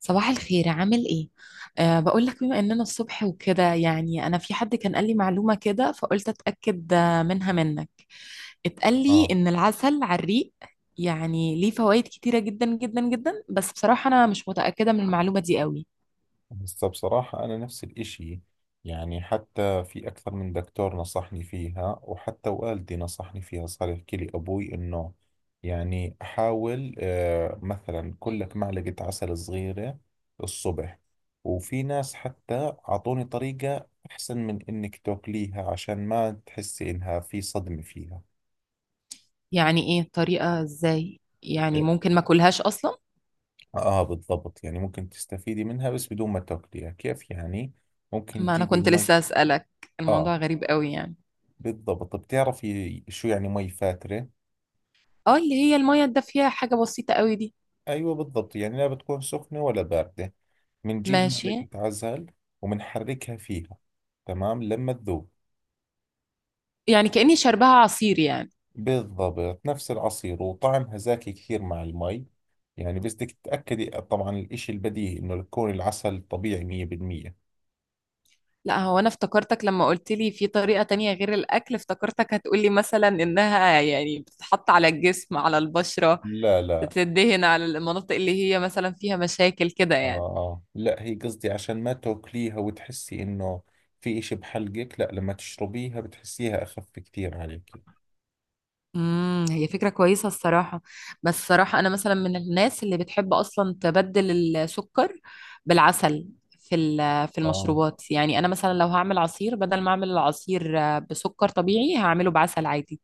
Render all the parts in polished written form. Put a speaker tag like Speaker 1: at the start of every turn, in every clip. Speaker 1: صباح الخير، عامل ايه؟ بقول لك بما اننا الصبح وكده، يعني انا في حد كان قال لي معلومة كده فقلت اتأكد منها منك. اتقال لي
Speaker 2: اه،
Speaker 1: ان العسل على الريق يعني ليه فوائد كتيرة جدا جدا جدا، بس بصراحة انا مش متأكدة من المعلومة دي قوي.
Speaker 2: بس بصراحة أنا نفس الإشي. يعني حتى في أكثر من دكتور نصحني فيها، وحتى والدي نصحني فيها. صار يحكي لي أبوي إنه حاول مثلا كلك معلقة عسل صغيرة الصبح. وفي ناس حتى أعطوني طريقة أحسن من إنك تاكليها، عشان ما تحسي إنها في صدمة فيها.
Speaker 1: يعني ايه الطريقة؟ ازاي؟ يعني
Speaker 2: إيه.
Speaker 1: ممكن ما اكلهاش اصلا؟
Speaker 2: آه، بالضبط. يعني ممكن تستفيدي منها بس بدون ما تاكليها. كيف يعني؟ ممكن
Speaker 1: ما انا
Speaker 2: تجيبي
Speaker 1: كنت
Speaker 2: مي.
Speaker 1: لسه اسألك.
Speaker 2: آه،
Speaker 1: الموضوع غريب قوي يعني.
Speaker 2: بالضبط. بتعرفي شو يعني مي فاترة؟
Speaker 1: اه، اللي هي المية الدافية، حاجة بسيطة قوي دي.
Speaker 2: أيوة بالضبط، يعني لا بتكون سخنة ولا باردة. بنجيب معلقة
Speaker 1: ماشي.
Speaker 2: عسل وبنحركها فيها، تمام، لما تذوب.
Speaker 1: يعني كأني شربها عصير يعني.
Speaker 2: بالضبط نفس العصير، وطعمها زاكي كثير مع المي. يعني بس بدك تتأكدي طبعا، الإشي البديهي إنه يكون العسل طبيعي 100%.
Speaker 1: لا، هو انا افتكرتك لما قلت لي في طريقة تانية غير الاكل، افتكرتك هتقولي مثلا انها يعني بتتحط على الجسم، على البشرة،
Speaker 2: لا لا.
Speaker 1: تدهن على المناطق اللي هي مثلا فيها مشاكل كده
Speaker 2: آه.
Speaker 1: يعني.
Speaker 2: آه. لا هي قصدي عشان ما تاكليها وتحسي إنه في إشي بحلقك. لا لما تشربيها بتحسيها أخف كثير عليكي.
Speaker 1: هي فكرة كويسة الصراحة. بس الصراحة انا مثلا من الناس اللي بتحب اصلا تبدل السكر بالعسل في في
Speaker 2: آه،
Speaker 1: المشروبات. يعني انا مثلا لو هعمل عصير، بدل ما اعمل العصير بسكر طبيعي، هعمله بعسل عادي.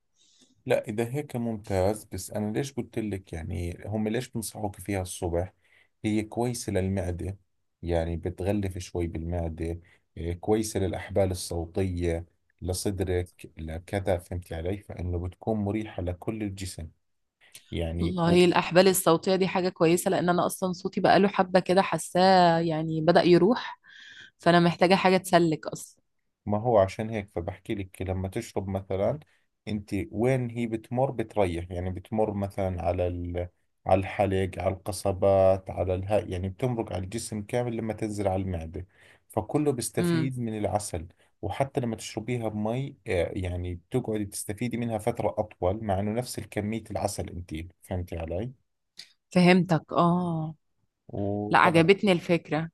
Speaker 2: لا إذا هيك ممتاز. بس أنا ليش قلت لك، هم ليش بنصحوك فيها الصبح، هي كويسة للمعدة، يعني بتغلف شوي بالمعدة. إيه، كويسة للأحبال الصوتية، لصدرك، لكذا. فهمتي علي؟ فإنه بتكون مريحة لكل الجسم يعني.
Speaker 1: والله الأحبال الصوتية دي حاجة كويسة، لأن أنا أصلا صوتي بقاله حبة كده حاساه يعني بدأ يروح، فأنا محتاجة حاجة تسلك أصلا.
Speaker 2: ما هو عشان هيك فبحكي لك، لما تشرب مثلا، انت وين هي بتمر بتريح. يعني بتمر مثلا على على الحلق، على القصبات، على الها. يعني بتمرق على الجسم كامل لما تنزل على المعدة، فكله
Speaker 1: امم
Speaker 2: بيستفيد من العسل. وحتى لما تشربيها بمي يعني بتقعدي تستفيدي منها فترة أطول، مع إنه نفس الكمية العسل أنت. فهمتي علي؟
Speaker 1: فهمتك، آه. لا،
Speaker 2: وطبعا،
Speaker 1: عجبتني الفكرة.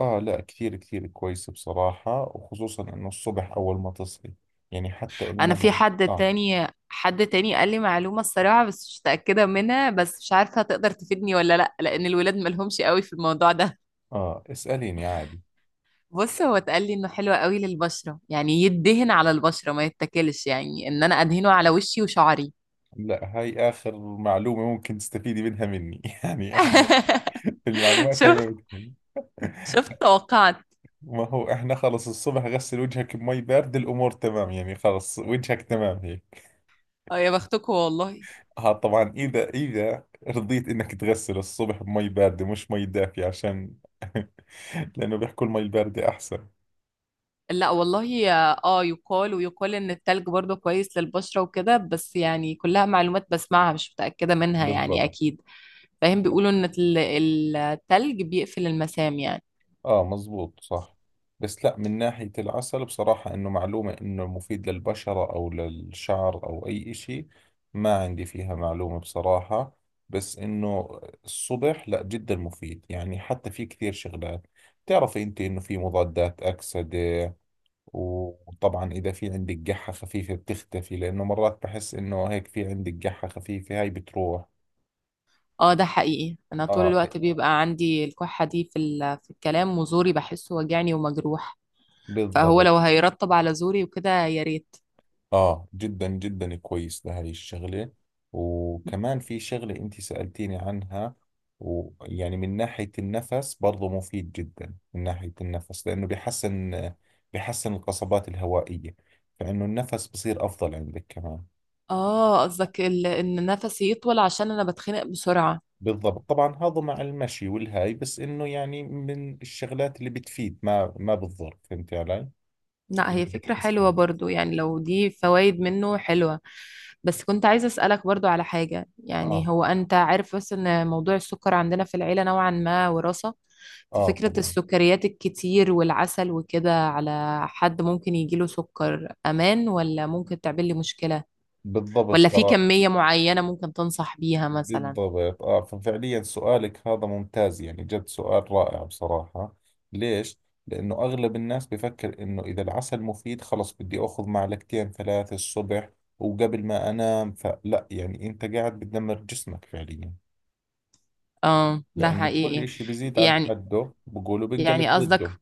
Speaker 2: آه، لا كثير كثير كويسة بصراحة، وخصوصا إنه الصبح أول ما تصحي. يعني حتى
Speaker 1: أنا في
Speaker 2: إنه،
Speaker 1: حد
Speaker 2: آه،
Speaker 1: تاني، حد تاني قال لي معلومة الصراحة، بس مش متأكدة منها، بس مش عارفة هتقدر تفيدني ولا لأ، لأن الولاد مالهمش قوي في الموضوع ده.
Speaker 2: اه اسأليني عادي.
Speaker 1: بص، هو اتقال لي إنه حلو قوي للبشرة، يعني يدهن على البشرة ما يتاكلش، يعني إن أنا أدهنه على وشي وشعري.
Speaker 2: لا هاي آخر معلومة ممكن تستفيدي منها مني يعني احنا المعلومات هاي ما
Speaker 1: شفت،
Speaker 2: بدهن
Speaker 1: توقعت.
Speaker 2: ما هو احنا خلص الصبح غسل وجهك بمي باردة، الأمور تمام. يعني خلص وجهك تمام هيك.
Speaker 1: اه يا بختكم والله.
Speaker 2: اه طبعا، إذا رضيت إنك تغسل الصبح بمي باردة مش مي دافية عشان لأنه بيحكوا المي الباردة أحسن.
Speaker 1: لا والله. اه، يقال ويقال ان التلج برضه كويس للبشرة وكده، بس يعني كلها معلومات بسمعها مش متأكدة منها يعني
Speaker 2: بالضبط.
Speaker 1: اكيد. فاهم، بيقولوا ان التلج بيقفل المسام يعني.
Speaker 2: اه مزبوط صح. بس لا من ناحية العسل بصراحة، انه معلومة انه مفيد للبشرة او للشعر او اي اشي، ما عندي فيها معلومة بصراحة. بس انه الصبح لا جدا مفيد. يعني حتى في كثير شغلات، بتعرفي انت انه في مضادات اكسدة. وطبعا اذا في عندك قحة خفيفة بتختفي، لانه مرات بحس انه هيك في عندك قحة خفيفة هاي بتروح.
Speaker 1: اه ده حقيقي، انا طول
Speaker 2: اه
Speaker 1: الوقت بيبقى عندي الكحة دي في في الكلام، وزوري بحسه وجعني ومجروح، فهو
Speaker 2: بالضبط.
Speaker 1: لو هيرطب على زوري وكده يا ريت.
Speaker 2: اه جدا جدا كويس لهذه الشغلة. وكمان في شغلة انت سألتيني عنها، ويعني من ناحية النفس برضو مفيد جدا. من ناحية النفس لأنه بيحسن، بيحسن القصبات الهوائية، فإنه النفس بصير أفضل عندك كمان.
Speaker 1: اه، قصدك ان نفسي يطول، عشان انا بتخنق بسرعة.
Speaker 2: بالضبط، طبعا هذا مع المشي والهاي. بس إنه يعني من الشغلات اللي بتفيد ما بتضر. فهمتي علي؟
Speaker 1: لا،
Speaker 2: يعني
Speaker 1: هي فكرة
Speaker 2: بتحسن.
Speaker 1: حلوة برضو، يعني لو دي فوائد منه حلوة. بس كنت عايزة أسألك برضو على حاجة، يعني
Speaker 2: اه.
Speaker 1: هو أنت عارف بس إن موضوع السكر عندنا في العيلة نوعا ما وراثة،
Speaker 2: اه
Speaker 1: ففكرة
Speaker 2: طبعا.
Speaker 1: السكريات الكتير والعسل وكده على حد ممكن يجيله سكر، أمان ولا ممكن تعمل لي مشكلة؟
Speaker 2: بالضبط
Speaker 1: ولا في
Speaker 2: ترى.
Speaker 1: كمية معينة ممكن تنصح بيها مثلا؟
Speaker 2: بالضبط. اه ففعليا سؤالك هذا ممتاز، يعني جد سؤال رائع بصراحة. ليش؟ لأنه أغلب الناس بفكر إنه إذا العسل مفيد خلص بدي أخذ معلقتين ثلاثة الصبح وقبل ما أنام. فلا، يعني أنت قاعد بتدمر جسمك فعليا،
Speaker 1: اه ده
Speaker 2: لأنه كل
Speaker 1: حقيقي.
Speaker 2: إشي بزيد عن
Speaker 1: يعني،
Speaker 2: حده بقولوا
Speaker 1: يعني
Speaker 2: بنقلب
Speaker 1: قصدك،
Speaker 2: ضده.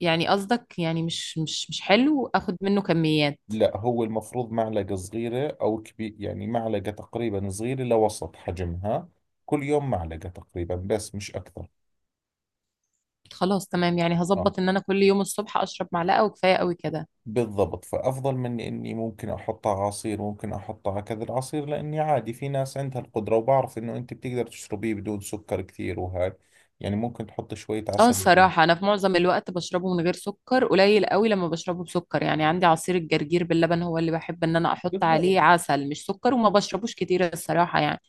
Speaker 1: يعني قصدك يعني مش حلو اخد منه كميات.
Speaker 2: لا هو المفروض معلقة صغيرة أو كبير. يعني معلقة تقريبا صغيرة لوسط حجمها، كل يوم معلقة تقريبا، بس مش أكثر.
Speaker 1: خلاص تمام، يعني
Speaker 2: آه
Speaker 1: هظبط ان انا كل يوم الصبح اشرب معلقه وكفايه قوي كده.
Speaker 2: بالضبط. فأفضل من إني ممكن أحطها عصير، ممكن أحطها كذا العصير، لأني عادي في ناس عندها القدرة، وبعرف إنه أنت بتقدر تشربيه بدون سكر كثير وهاي. يعني ممكن تحط شوية
Speaker 1: اه
Speaker 2: عسل وزيت.
Speaker 1: الصراحه انا في معظم الوقت بشربه من غير سكر، قليل قوي لما بشربه بسكر. يعني عندي عصير الجرجير باللبن هو اللي بحب ان انا احط عليه
Speaker 2: بالضبط.
Speaker 1: عسل مش سكر، وما بشربوش كتير الصراحه يعني.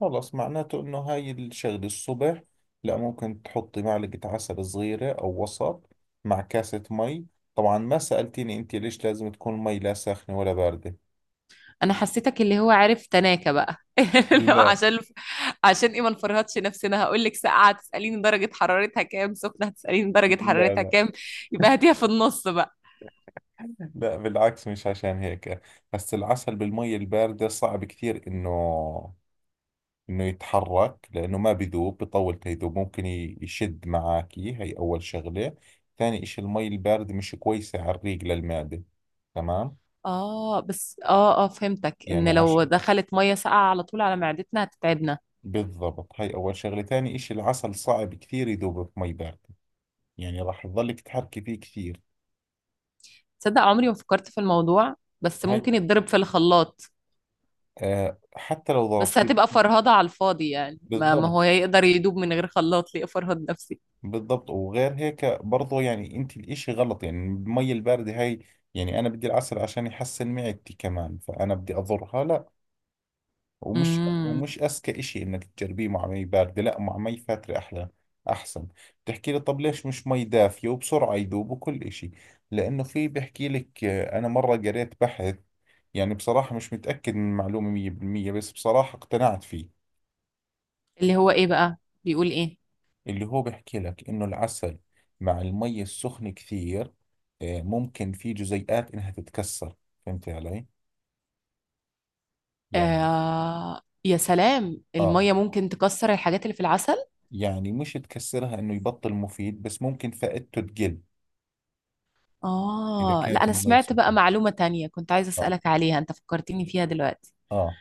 Speaker 2: خلص معناته إنه هاي الشغلة الصبح. لا ممكن تحطي معلقة عسل صغيرة أو وسط مع كاسة مي. طبعا ما سألتيني أنت ليش لازم تكون مي لا ساخنة ولا باردة.
Speaker 1: انا حسيتك اللي هو عارف تناكة بقى. لو
Speaker 2: لا
Speaker 1: عشان، عشان ايه؟ ما نفرهدش نفسنا، هقول لك ساقعه تساليني درجه حرارتها كام، سخنه هتساليني درجه
Speaker 2: لا.
Speaker 1: حرارتها
Speaker 2: لا
Speaker 1: كام، يبقى هاتيها في النص بقى.
Speaker 2: لا بالعكس، مش عشان هيك. بس العسل بالمي الباردة صعب كثير انه يتحرك، لانه ما بذوب بطول. تيذوب ممكن يشد معاكي، هي اول شغلة. ثاني اشي المي الباردة مش كويسة على الريق للمعدة، تمام؟
Speaker 1: اه بس، فهمتك،
Speaker 2: يعني
Speaker 1: ان لو
Speaker 2: عشان،
Speaker 1: دخلت ميه ساقعه على طول على معدتنا هتتعبنا.
Speaker 2: بالضبط، هاي اول شغلة. ثاني اشي، العسل صعب كثير يذوب في مي باردة، يعني راح تظلك تحركي فيه كثير.
Speaker 1: تصدق عمري ما فكرت في الموضوع؟ بس
Speaker 2: هاي،
Speaker 1: ممكن يتضرب في الخلاط.
Speaker 2: أه حتى لو
Speaker 1: بس
Speaker 2: ضربتي.
Speaker 1: هتبقى فرهضة على الفاضي يعني، ما
Speaker 2: بالضبط.
Speaker 1: هو يقدر يدوب من غير خلاط، ليه افرهد نفسي.
Speaker 2: بالضبط. وغير هيك برضو، يعني انت الاشي غلط يعني المي الباردة هاي. يعني انا بدي العسل عشان يحسن معدتي كمان، فانا بدي اضرها؟ لا. ومش
Speaker 1: امم
Speaker 2: ومش اذكى اشي انك تجربيه مع مي باردة، لا مع مي فاترة احلى، احسن. بتحكي لي طب ليش مش مي دافية وبسرعة يذوب وكل اشي؟ لانه في بحكي لك، انا مرة قريت بحث، يعني بصراحة مش متأكد من المعلومة 100%، بس بصراحة اقتنعت فيه.
Speaker 1: اللي هو ايه بقى، بيقول ايه؟
Speaker 2: اللي هو بيحكي لك إنه العسل مع المي السخن كثير، ممكن في جزيئات إنها تتكسر. فهمت علي؟ يعني
Speaker 1: آه يا سلام،
Speaker 2: آه،
Speaker 1: الميه ممكن تكسر الحاجات اللي في العسل.
Speaker 2: يعني مش تكسرها إنه يبطل مفيد، بس ممكن فائدته تقل إذا
Speaker 1: اه، لا
Speaker 2: كانت
Speaker 1: انا
Speaker 2: المي
Speaker 1: سمعت بقى
Speaker 2: سخنة.
Speaker 1: معلومة تانية كنت عايزة
Speaker 2: آه.
Speaker 1: اسألك عليها، انت فكرتيني فيها دلوقتي.
Speaker 2: آه.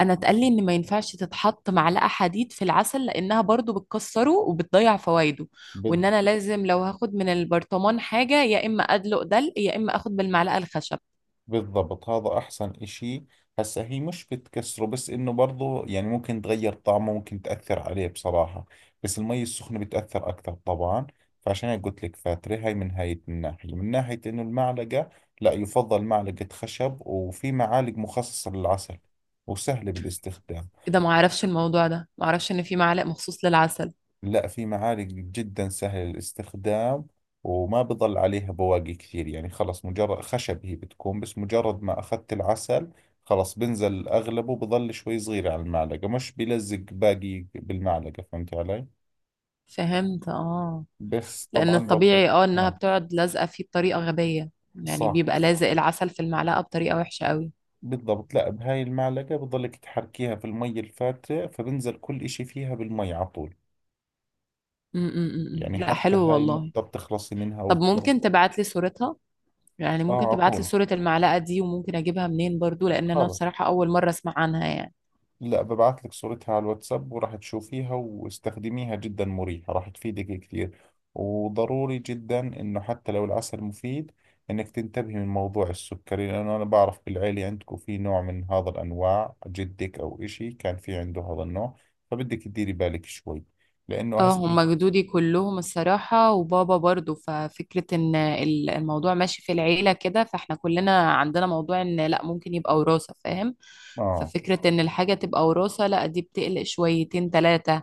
Speaker 1: انا اتقال لي ان ما ينفعش تتحط معلقه حديد في العسل، لانها برضو بتكسره وبتضيع فوائده، وان
Speaker 2: بالضبط.
Speaker 1: انا لازم لو هاخد من البرطمان حاجه يا اما ادلق دلق، يا اما اخد بالمعلقه الخشب.
Speaker 2: بالضبط هذا أحسن إشي. هسا هي مش بتكسره، بس إنه برضو يعني ممكن تغير طعمه، ممكن تأثر عليه بصراحة. بس المي السخنة بتأثر أكثر طبعا. فعشان هيك قلت لك فاترة، هاي من هاي الناحية، من ناحية إنه المعلقة لا، يفضل معلقة خشب. وفي معالق مخصصة للعسل وسهلة بالاستخدام.
Speaker 1: إيه ده، ما اعرفش الموضوع ده، ما اعرفش ان في معلق مخصوص للعسل.
Speaker 2: لا في معالق جدا سهل الاستخدام، وما بضل عليها بواقي كثير. يعني خلص مجرد خشب هي بتكون، بس مجرد ما أخذت العسل خلص بنزل أغلبه، بضل شوي صغير على المعلقة، مش بيلزق باقي بالمعلقة. فهمت علي؟
Speaker 1: فهمت، اه.
Speaker 2: بس
Speaker 1: لان
Speaker 2: طبعا برضو،
Speaker 1: الطبيعي اه انها
Speaker 2: آه.
Speaker 1: بتقعد لازقه فيه بطريقه غبيه، يعني
Speaker 2: صح،
Speaker 1: بيبقى لازق العسل في المعلقه بطريقه وحشه قوي.
Speaker 2: بالضبط. لا بهاي المعلقة بضلك تحركيها في المي الفاترة، فبنزل كل إشي فيها بالمي على طول.
Speaker 1: م -م -م.
Speaker 2: يعني
Speaker 1: م. لا
Speaker 2: حتى
Speaker 1: حلو
Speaker 2: هاي
Speaker 1: والله.
Speaker 2: النقطة بتخلصي منها
Speaker 1: طب ممكن تبعت لي صورتها؟ يعني
Speaker 2: آه
Speaker 1: ممكن
Speaker 2: على
Speaker 1: تبعت لي
Speaker 2: طول،
Speaker 1: صورة المعلقة دي، وممكن اجيبها منين برضو، لان انا
Speaker 2: خلص.
Speaker 1: بصراحة اول مرة اسمع عنها يعني.
Speaker 2: لا ببعت لك صورتها على الواتساب وراح تشوفيها واستخدميها، جدا مريحة، راح تفيدك كثير. وضروري جدا انه حتى لو العسل مفيد، انك تنتبهي من موضوع السكري، لانه انا بعرف بالعيلة عندكم في نوع من هذا الانواع، جدك او اشي كان في عنده هذا النوع، فبدك تديري بالك شوي لانه
Speaker 1: اه،
Speaker 2: هسه.
Speaker 1: هما جدودي كلهم الصراحة وبابا برضو، ففكرة ان الموضوع ماشي في العيلة كده، فاحنا كلنا عندنا موضوع ان لا ممكن يبقى وراثة، فاهم.
Speaker 2: اه
Speaker 1: ففكرة ان الحاجة تبقى وراثة لا، دي بتقلق شويتين تلاتة.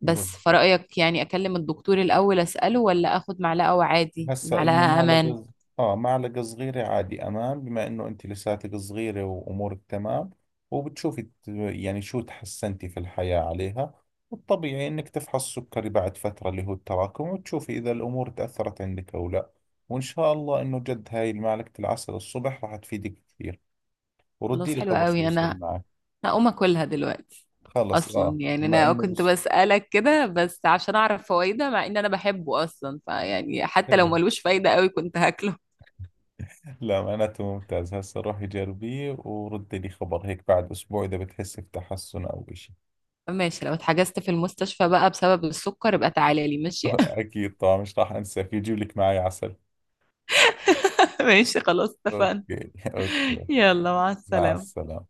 Speaker 1: بس
Speaker 2: بالضبط.
Speaker 1: فرأيك يعني اكلم الدكتور الاول اسأله، ولا اخد معلقة وعادي
Speaker 2: هسا إني
Speaker 1: المعلقة
Speaker 2: معلقة
Speaker 1: امان؟
Speaker 2: آه معلقة صغيرة عادي أمان، بما إنه أنت لساتك صغيرة وأمورك تمام. وبتشوفي يعني شو تحسنتي في الحياة عليها. والطبيعي إنك تفحص سكري بعد فترة، اللي هو التراكم، وتشوفي إذا الأمور تأثرت عندك أو لا. وإن شاء الله إنه جد هاي معلقة العسل الصبح راح تفيدك كثير. وردي
Speaker 1: خلاص
Speaker 2: لي
Speaker 1: حلو
Speaker 2: خبر شو
Speaker 1: قوي،
Speaker 2: بصير
Speaker 1: انا
Speaker 2: معك.
Speaker 1: هقوم اكلها دلوقتي.
Speaker 2: خلص
Speaker 1: اصلا
Speaker 2: آه،
Speaker 1: يعني
Speaker 2: ما
Speaker 1: انا
Speaker 2: إنه
Speaker 1: كنت
Speaker 2: بس.
Speaker 1: بسألك كده بس عشان اعرف فوائده، مع ان انا بحبه اصلا، فيعني حتى لو
Speaker 2: حلو
Speaker 1: ملوش فايده قوي كنت هاكله.
Speaker 2: لا معناته ممتاز، هسه روحي جربيه وردي لي خبر هيك بعد أسبوع إذا بتحسي بتحسن أو إشي.
Speaker 1: ماشي، لو اتحجزت في المستشفى بقى بسبب السكر يبقى تعالى لي، ماشي.
Speaker 2: اكيد طبعا، مش راح انساك يجيب لك معي عسل.
Speaker 1: ماشي خلاص، اتفقنا.
Speaker 2: اوكي اوكي.
Speaker 1: يلا مع
Speaker 2: مع
Speaker 1: السلامة.
Speaker 2: السلامة.